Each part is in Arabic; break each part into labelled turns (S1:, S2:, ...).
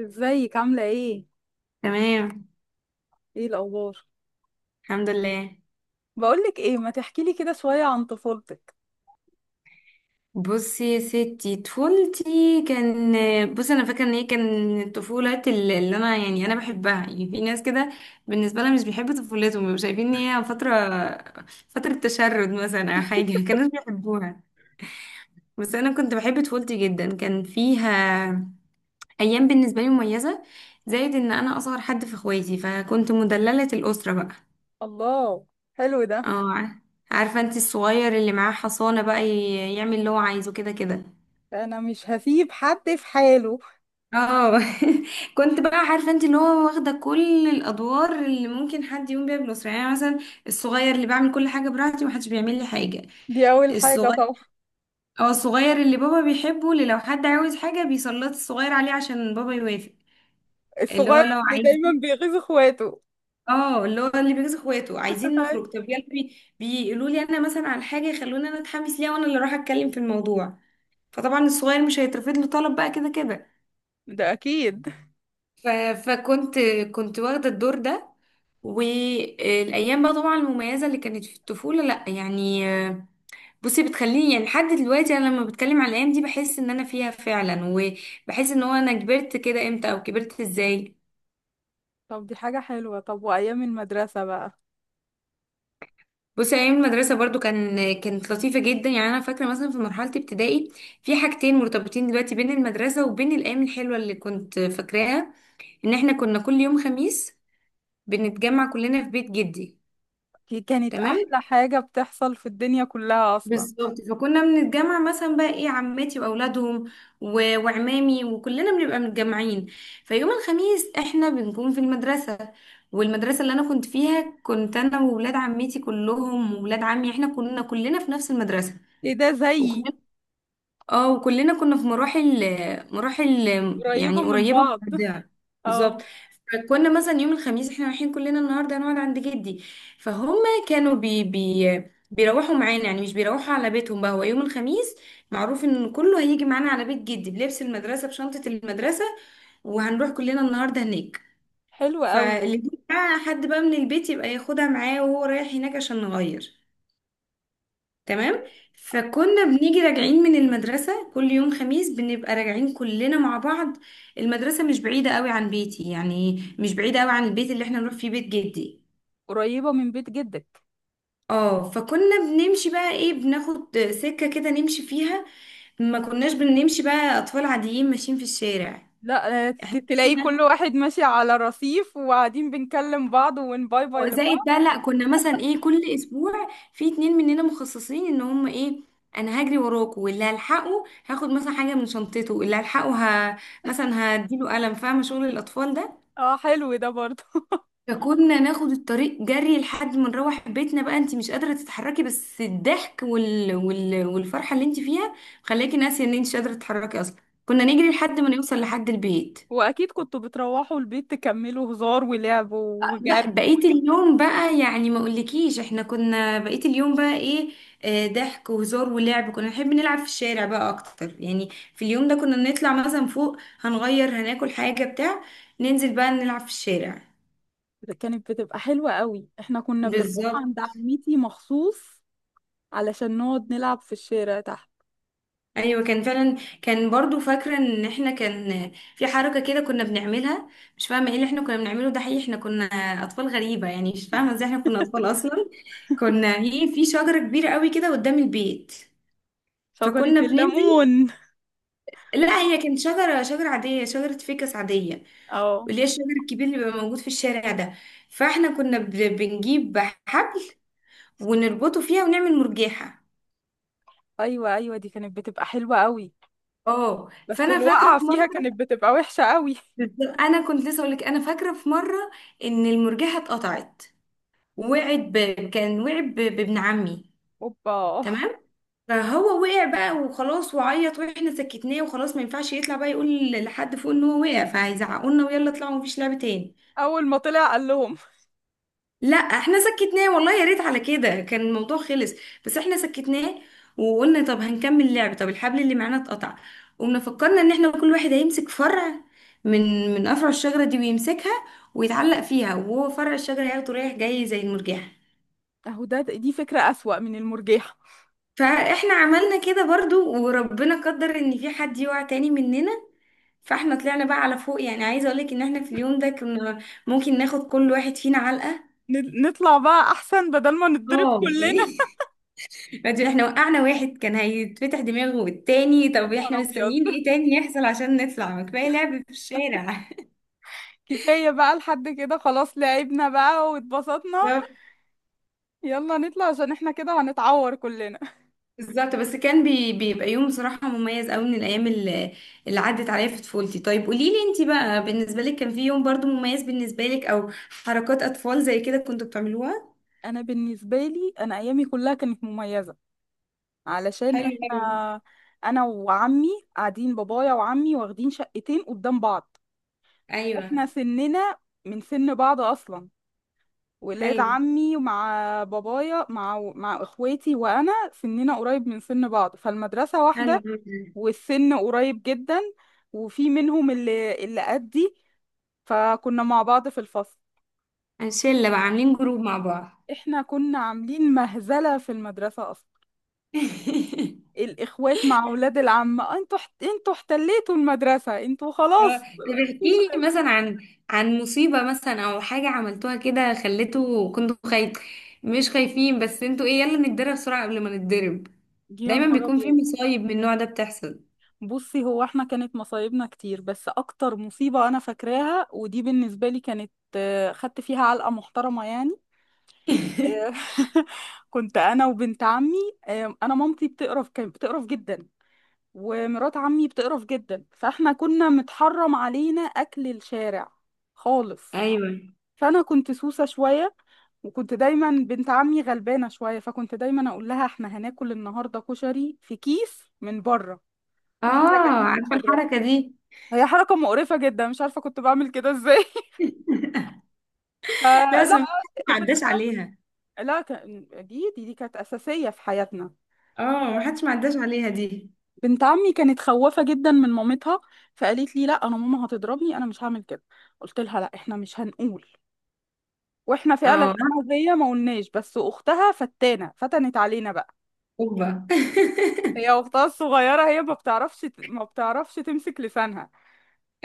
S1: ازيك عاملة ايه؟
S2: تمام.
S1: ايه الأخبار؟
S2: الحمد لله.
S1: بقولك ايه، ما تحكيلي كده شوية عن طفولتك.
S2: بصي يا ستي، طفولتي بصي انا فاكره ان هي كان طفولات اللي انا بحبها. يعني في ناس كده بالنسبه لها مش بيحبوا طفولتهم، بيبقوا شايفين ان هي فتره تشرد مثلا او حاجه كانوا بيحبوها، بس انا كنت بحب طفولتي جدا. كان فيها ايام بالنسبه لي مميزه، زائد ان انا اصغر حد في اخواتي فكنت مدلله الاسره بقى.
S1: الله، حلو ده.
S2: اه. عارفه انت الصغير اللي معاه حصانه بقى، يعمل اللي هو عايزه كده كده.
S1: انا مش هسيب حد في حاله.
S2: اه كنت بقى عارفه انت اللي هو واخده كل الادوار اللي ممكن حد يقوم بيها بالاسره، يعني أنا مثلا الصغير اللي بعمل كل حاجه براحتي ومحدش بيعمل لي حاجه.
S1: دي أول حاجة
S2: الصغير.
S1: طبعا.
S2: اه الصغير اللي بابا بيحبه، اللي لو حد عاوز حاجه بيسلط الصغير عليه عشان بابا يوافق. اللي هو
S1: الصغير
S2: لو
S1: اللي دايما
S2: عايزين،
S1: بيغيظ اخواته.
S2: اه اللي هو اللي بيجوز اخواته عايزين نخرج، طب يلا، بيقولوا لي انا مثلا على حاجه يخلوني انا اتحمس ليها وانا اللي اروح اتكلم في الموضوع. فطبعا الصغير مش هيترفض له طلب بقى كده كده.
S1: ده اكيد.
S2: ف... فكنت كنت واخده الدور ده. والايام بقى طبعا المميزه اللي كانت في الطفوله، لا يعني بصي بتخليني، يعني لحد دلوقتي انا لما بتكلم على الايام دي بحس ان انا فيها فعلا، وبحس ان هو انا كبرت كده امتى او كبرت ازاي.
S1: طب دي حاجة حلوة، طب وأيام المدرسة بقى؟
S2: بصي ايام المدرسه برضو كانت لطيفه جدا. يعني انا فاكره مثلا في مرحله ابتدائي، في حاجتين مرتبطين دلوقتي بين المدرسه وبين الايام الحلوه اللي كنت فاكراها، ان احنا كنا كل يوم خميس بنتجمع كلنا في بيت جدي.
S1: دي كانت
S2: تمام.
S1: أحلى حاجة بتحصل في الدنيا كلها أصلا.
S2: بالظبط، فكنا بنتجمع مثلا بقى ايه عماتي واولادهم وعمامي وكلنا بنبقى متجمعين. فيوم الخميس احنا بنكون في المدرسة، والمدرسة اللي انا كنت فيها كنت انا وولاد عمتي كلهم وولاد عمي، احنا كنا كلنا في نفس المدرسة.
S1: ايه ده، زيي.
S2: وكنا اه وكلنا كنا في مراحل، مراحل
S1: قريبة
S2: يعني
S1: من
S2: قريبة من
S1: بعض.
S2: بعضها. بالظبط.
S1: اه،
S2: فكنا مثلا يوم الخميس احنا رايحين كلنا النهارده هنقعد عند جدي، فهم كانوا بي بي بيروحوا معانا، يعني مش بيروحوا على بيتهم بقى. هو يوم الخميس معروف ان كله هيجي معانا على بيت جدي، بلبس المدرسة بشنطة المدرسة، وهنروح كلنا النهارده هناك.
S1: حلو قوي.
S2: فاللي بقى حد بقى من البيت يبقى ياخدها معاه وهو رايح هناك عشان نغير. تمام. فكنا بنيجي راجعين من المدرسة كل يوم خميس، بنبقى راجعين كلنا مع بعض. المدرسة مش بعيدة قوي عن بيتي، يعني مش بعيدة قوي عن البيت اللي احنا نروح فيه، بيت جدي.
S1: قريبة من بيت جدك.
S2: اه فكنا بنمشي بقى ايه، بناخد سكة كده نمشي فيها، ما كناش بنمشي بقى اطفال عاديين ماشيين في الشارع.
S1: لا، تلاقي كل
S2: احنا
S1: واحد ماشي على رصيف وقاعدين بنكلم بعض ونباي باي
S2: زائد
S1: لبعض.
S2: ده لا، كنا مثلا ايه كل اسبوع في اتنين مننا مخصصين ان هم ايه، انا هجري وراكوا واللي هلحقه هاخد مثلا حاجه من شنطته، واللي هلحقه ه... مثلا هديله قلم، فاهمه شغل الاطفال ده.
S1: اه حلو ده برضه.
S2: فكنا ناخد الطريق جري لحد ما نروح بيتنا بقى، انت مش قادره تتحركي، بس الضحك والفرحه اللي انت فيها خلاكي ناسيه ان انت مش قادره تتحركي اصلا. كنا نجري لحد ما نوصل لحد البيت.
S1: واكيد كنتوا بتروحوا البيت تكملوا هزار ولعب
S2: لا
S1: وجري.
S2: بقيت اليوم بقى، يعني ما اقولكيش احنا كنا بقيت اليوم بقى ايه، ضحك وهزار ولعب. كنا نحب نلعب في الشارع بقى اكتر يعني. في اليوم ده كنا نطلع مثلا فوق هنغير هناكل حاجة بتاع، ننزل بقى نلعب في الشارع.
S1: ده كانت بتبقى حلوة قوي، احنا كنا بنروح
S2: بالظبط.
S1: عند عمتي مخصوص علشان نقعد نلعب في الشارع تحت
S2: ايوه كان فعلا، كان برضو فاكرة ان احنا كان في حركة كده كنا بنعملها، مش فاهمة ايه اللي احنا كنا بنعمله ده حقيقي. احنا كنا اطفال غريبة، يعني مش فاهمة ازاي احنا كنا اطفال اصلا. كنا في في شجرة كبيرة قوي كده قدام البيت
S1: شجرة
S2: فكنا بننزل.
S1: الليمون.
S2: لا هي كانت شجرة عادية، شجرة فيكس عادية،
S1: اه،
S2: اللي هي الشجر الكبير اللي بيبقى موجود في الشارع ده. فاحنا كنا بنجيب حبل ونربطه فيها ونعمل مرجيحة.
S1: ايوه ايوه، دي كانت بتبقى حلوة قوي.
S2: اه
S1: بس
S2: فانا فاكرة
S1: الوقعة
S2: في
S1: فيها
S2: مرة.
S1: كانت بتبقى وحشة قوي.
S2: بالظبط، انا كنت لسه اقول لك، انا فاكرة في مرة ان المرجيحة اتقطعت، وقعت ب... كان وقع بابن عمي.
S1: اوبا.
S2: تمام. فهو وقع بقى وخلاص وعيط، واحنا سكتناه وخلاص ما ينفعش يطلع بقى يقول لحد فوق ان هو وقع فهيزعقوا لنا ويلا اطلعوا مفيش لعب تاني.
S1: اول ما طلع قال لهم؟
S2: لا احنا سكتناه، والله يا ريت على كده كان الموضوع خلص، بس احنا سكتناه. وقلنا طب هنكمل لعب، طب الحبل اللي معانا اتقطع. قمنا فكرنا ان احنا كل واحد هيمسك فرع من من افرع الشجره دي ويمسكها ويتعلق فيها، وهو فرع الشجره هياخده رايح جاي زي المرجحه.
S1: اهو ده، دي فكرة أسوأ من المرجحة.
S2: فاحنا عملنا كده برضو وربنا قدر ان في حد يقع تاني مننا. فاحنا طلعنا بقى على فوق، يعني عايزه اقولك ان احنا في اليوم ده كنا ممكن ناخد كل واحد فينا علقه.
S1: نطلع بقى احسن بدل ما نتضرب
S2: اه
S1: كلنا.
S2: بعدين احنا وقعنا واحد كان هيتفتح دماغه والتاني،
S1: يا
S2: طب احنا
S1: نهار ابيض.
S2: مستنيين ايه تاني يحصل عشان نطلع، ما كفايه لعب في الشارع.
S1: كفاية بقى لحد كده، خلاص لعبنا بقى واتبسطنا.
S2: بالظبط.
S1: يلا نطلع عشان احنا كده هنتعور كلنا.
S2: بالظبط. بس كان بيبقى يوم بصراحه مميز قوي من الايام اللي عدت عليا في طفولتي. طيب قولي لي انت بقى، بالنسبه لك كان في يوم برضو مميز بالنسبه لك، او حركات اطفال زي كده كنتوا بتعملوها؟
S1: انا بالنسبة لي، انا ايامي كلها كانت مميزة علشان
S2: حلو
S1: احنا
S2: قوي.
S1: انا وعمي قاعدين، بابايا وعمي واخدين شقتين قدام بعض.
S2: ايوه
S1: احنا سننا من سن بعض اصلا. ولاد
S2: حلو
S1: عمي مع بابايا، مع اخواتي وانا سننا قريب من سن بعض، فالمدرسة
S2: حلو
S1: واحدة.
S2: قوي.
S1: والسن قريب جدا. وفي منهم اللي قدي. فكنا مع بعض في الفصل.
S2: شله بقى عاملين جروب مع بعض.
S1: احنا كنا عاملين مهزلة في المدرسة اصلا. الاخوات مع اولاد العم، انتوا انتوا احتليتوا المدرسة، انتوا
S2: اه
S1: خلاص.
S2: طب احكي
S1: مفيش غير-.
S2: لي مثلا عن مصيبة مثلا او حاجة عملتوها كده خليته كنتوا خايف، مش خايفين بس انتوا ايه يلا نتدرب بسرعة قبل ما نتضرب.
S1: يا
S2: دايما
S1: نهار
S2: بيكون في
S1: ابيض.
S2: مصايب من النوع ده بتحصل.
S1: بصي، هو احنا كانت مصايبنا كتير، بس اكتر مصيبة انا فاكراها ودي بالنسبة لي كانت، خدت فيها علقة محترمة يعني. آه، كنت انا وبنت عمي. انا مامتي بتقرف، كانت بتقرف جدا. ومرات عمي بتقرف جدا، فاحنا كنا متحرم علينا اكل الشارع خالص.
S2: ايوه.
S1: فانا كنت سوسة شوية. وكنت دايما بنت عمي غلبانة شوية، فكنت دايما اقول لها احنا هناكل النهاردة كشري في كيس من بره، واحنا راجعين
S2: اه
S1: من
S2: عارفة
S1: المدرسة.
S2: الحركة دي.
S1: هي حركة مقرفة جدا، مش عارفة كنت بعمل كده ازاي.
S2: لا
S1: فلا
S2: بس
S1: لا.
S2: ما حدش ما عداش عليها.
S1: لا، دي كانت أساسية في حياتنا.
S2: اه ما حدش ما عداش عليها دي.
S1: بنت عمي كانت خوافة جدا من مامتها، فقالت لي لا انا ماما هتضربني، انا مش هعمل كده. قلت لها لا، احنا مش هنقول. واحنا فعلا
S2: اه.
S1: انا وهي ما قلناش، بس اختها فتانة فتنت علينا بقى.
S2: اوبا.
S1: هي اختها الصغيرة، هي ما بتعرفش تمسك لسانها.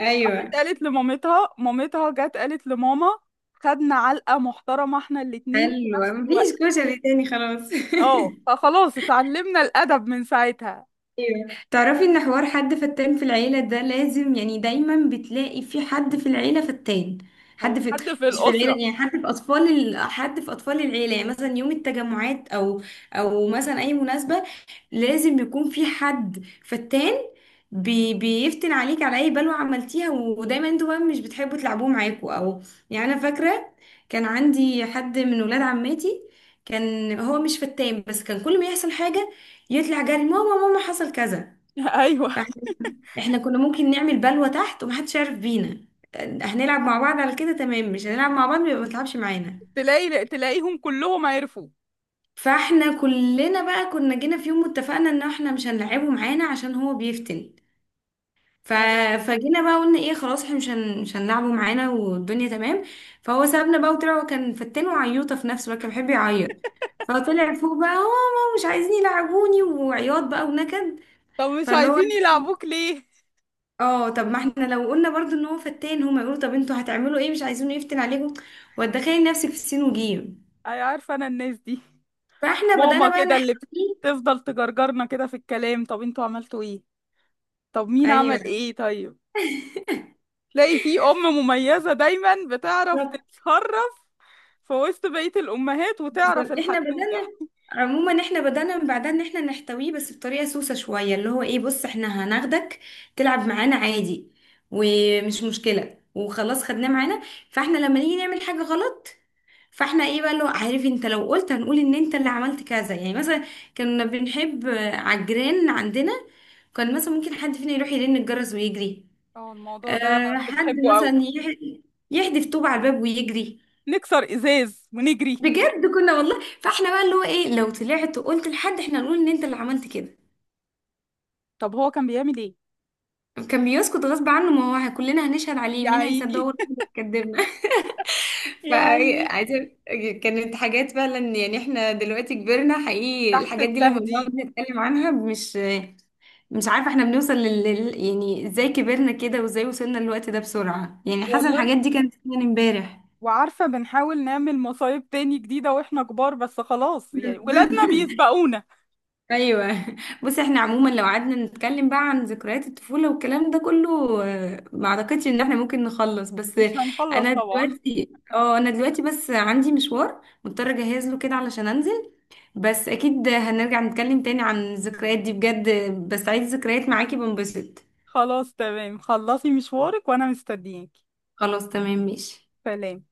S1: راحت
S2: ايوه.
S1: قالت لمامتها، مامتها جت قالت لماما. خدنا علقة محترمة احنا الاتنين في
S2: حلوة،
S1: نفس الوقت.
S2: مفيش كشري تاني خلاص.
S1: اه، فخلاص اتعلمنا الادب من ساعتها.
S2: ايوه تعرفي ان حوار حد فتان في العيلة ده لازم، يعني دايما بتلاقي في حد في العيلة فتان. حد
S1: هو
S2: في
S1: حد في
S2: مش في العيلة،
S1: الاسرة؟
S2: يعني حد في اطفال حد في اطفال العيلة، يعني مثلا يوم التجمعات او او مثلا اي مناسبة لازم يكون في حد فتان، بيفتن عليك على اي بلوة عملتيها، ودايما انتوا بقى مش بتحبوا تلعبوه معاكوا او يعني. انا فاكرة كان عندي حد من ولاد عماتي، كان هو مش فتان بس كان كل ما يحصل حاجة يطلع جري ماما ماما حصل كذا.
S1: ايوه،
S2: فاحنا كنا ممكن نعمل بلوة تحت ومحدش يعرف بينا، هنلعب مع بعض على كده تمام، مش هنلعب مع بعض يبقى ما تلعبش معانا.
S1: تلاقيهم كلهم عرفوا.
S2: فاحنا كلنا بقى كنا جينا في يوم واتفقنا ان احنا مش هنلعبه معانا عشان هو بيفتن. ف... فجينا بقى قلنا ايه، خلاص احنا مش هنلعبه معانا، والدنيا تمام. فهو سابنا بقى وطلع، هو كان فتان وعيوطه في نفسه بقى كان بيحب يعيط، فطلع فوق بقى هو ماما مش عايزين يلعبوني وعياط بقى ونكد.
S1: طب مش
S2: فاللي هو
S1: عايزين يلعبوك ليه؟
S2: اه طب ما احنا لو قلنا برضو ان هو فتان هما يقولوا طب انتوا هتعملوا ايه مش عايزينه يفتن عليكم، وتدخلي نفسك في السين وجيم.
S1: اي، عارفه انا الناس دي.
S2: فاحنا بدأنا
S1: ماما
S2: بقى
S1: كده، اللي
S2: نحتويه.
S1: بتفضل تجرجرنا كده في الكلام، طب انتوا عملتوا ايه؟ طب مين
S2: ايوه.
S1: عمل ايه؟ طيب. تلاقي في ام مميزه دايما بتعرف
S2: بالظبط.
S1: تتصرف في وسط بقيه الامهات وتعرف
S2: بالظبط احنا
S1: الحدوته.
S2: بدأنا عموما احنا بدأنا من بعدها ان احنا نحتويه، بس بطريقة سوسة شوية، اللي هو ايه بص احنا هناخدك تلعب معانا عادي، ومش مشكلة وخلاص خدناه معانا. فاحنا لما نيجي نعمل حاجة غلط، فاحنا ايه بقى اللي هو عارف انت لو قلت هنقول ان انت اللي عملت كذا. يعني مثلا كنا بنحب على الجيران عندنا، كان مثلا ممكن حد فينا يروح يرن الجرس ويجري،
S1: اه، الموضوع ده
S2: أه حد
S1: بنحبه قوي.
S2: مثلا يحدف طوب على الباب ويجري.
S1: نكسر ازاز ونجري.
S2: بجد كنا والله. فاحنا بقى اللي هو ايه، لو طلعت وقلت لحد احنا نقول ان انت اللي عملت كده.
S1: طب هو كان بيعمل ايه؟
S2: كان بيسكت غصب عنه، ما هو كلنا هنشهد عليه،
S1: يا
S2: مين هيصدقه
S1: عيني.
S2: ولا هو اللي هيكدبنا.
S1: يا عيني.
S2: فعايزة كانت حاجات فعلا يعني، احنا دلوقتي كبرنا حقيقي،
S1: تحت
S2: الحاجات دي لما
S1: التهديد.
S2: بنقعد نتكلم عنها مش عارفة احنا بنوصل يعني ازاي كبرنا كده وازاي وصلنا للوقت ده بسرعة، يعني حاسة
S1: والله.
S2: الحاجات دي كانت فعلا امبارح.
S1: وعارفة، بنحاول نعمل مصايب تاني جديدة واحنا كبار بس خلاص، يعني ولادنا بيسبقونا.
S2: ايوه بص احنا عموما لو قعدنا نتكلم بقى عن ذكريات الطفوله والكلام ده كله، ما اعتقدش ان احنا ممكن نخلص. بس
S1: مش هنخلص طبعا.
S2: انا دلوقتي بس عندي مشوار مضطره اجهز له كده علشان انزل. بس اكيد هنرجع نتكلم تاني عن الذكريات دي بجد، بس عايز ذكريات معاكي بنبسط.
S1: خلاص تمام، خلصي مشوارك وانا مستنياكي.
S2: خلاص تمام ماشي.
S1: سلام.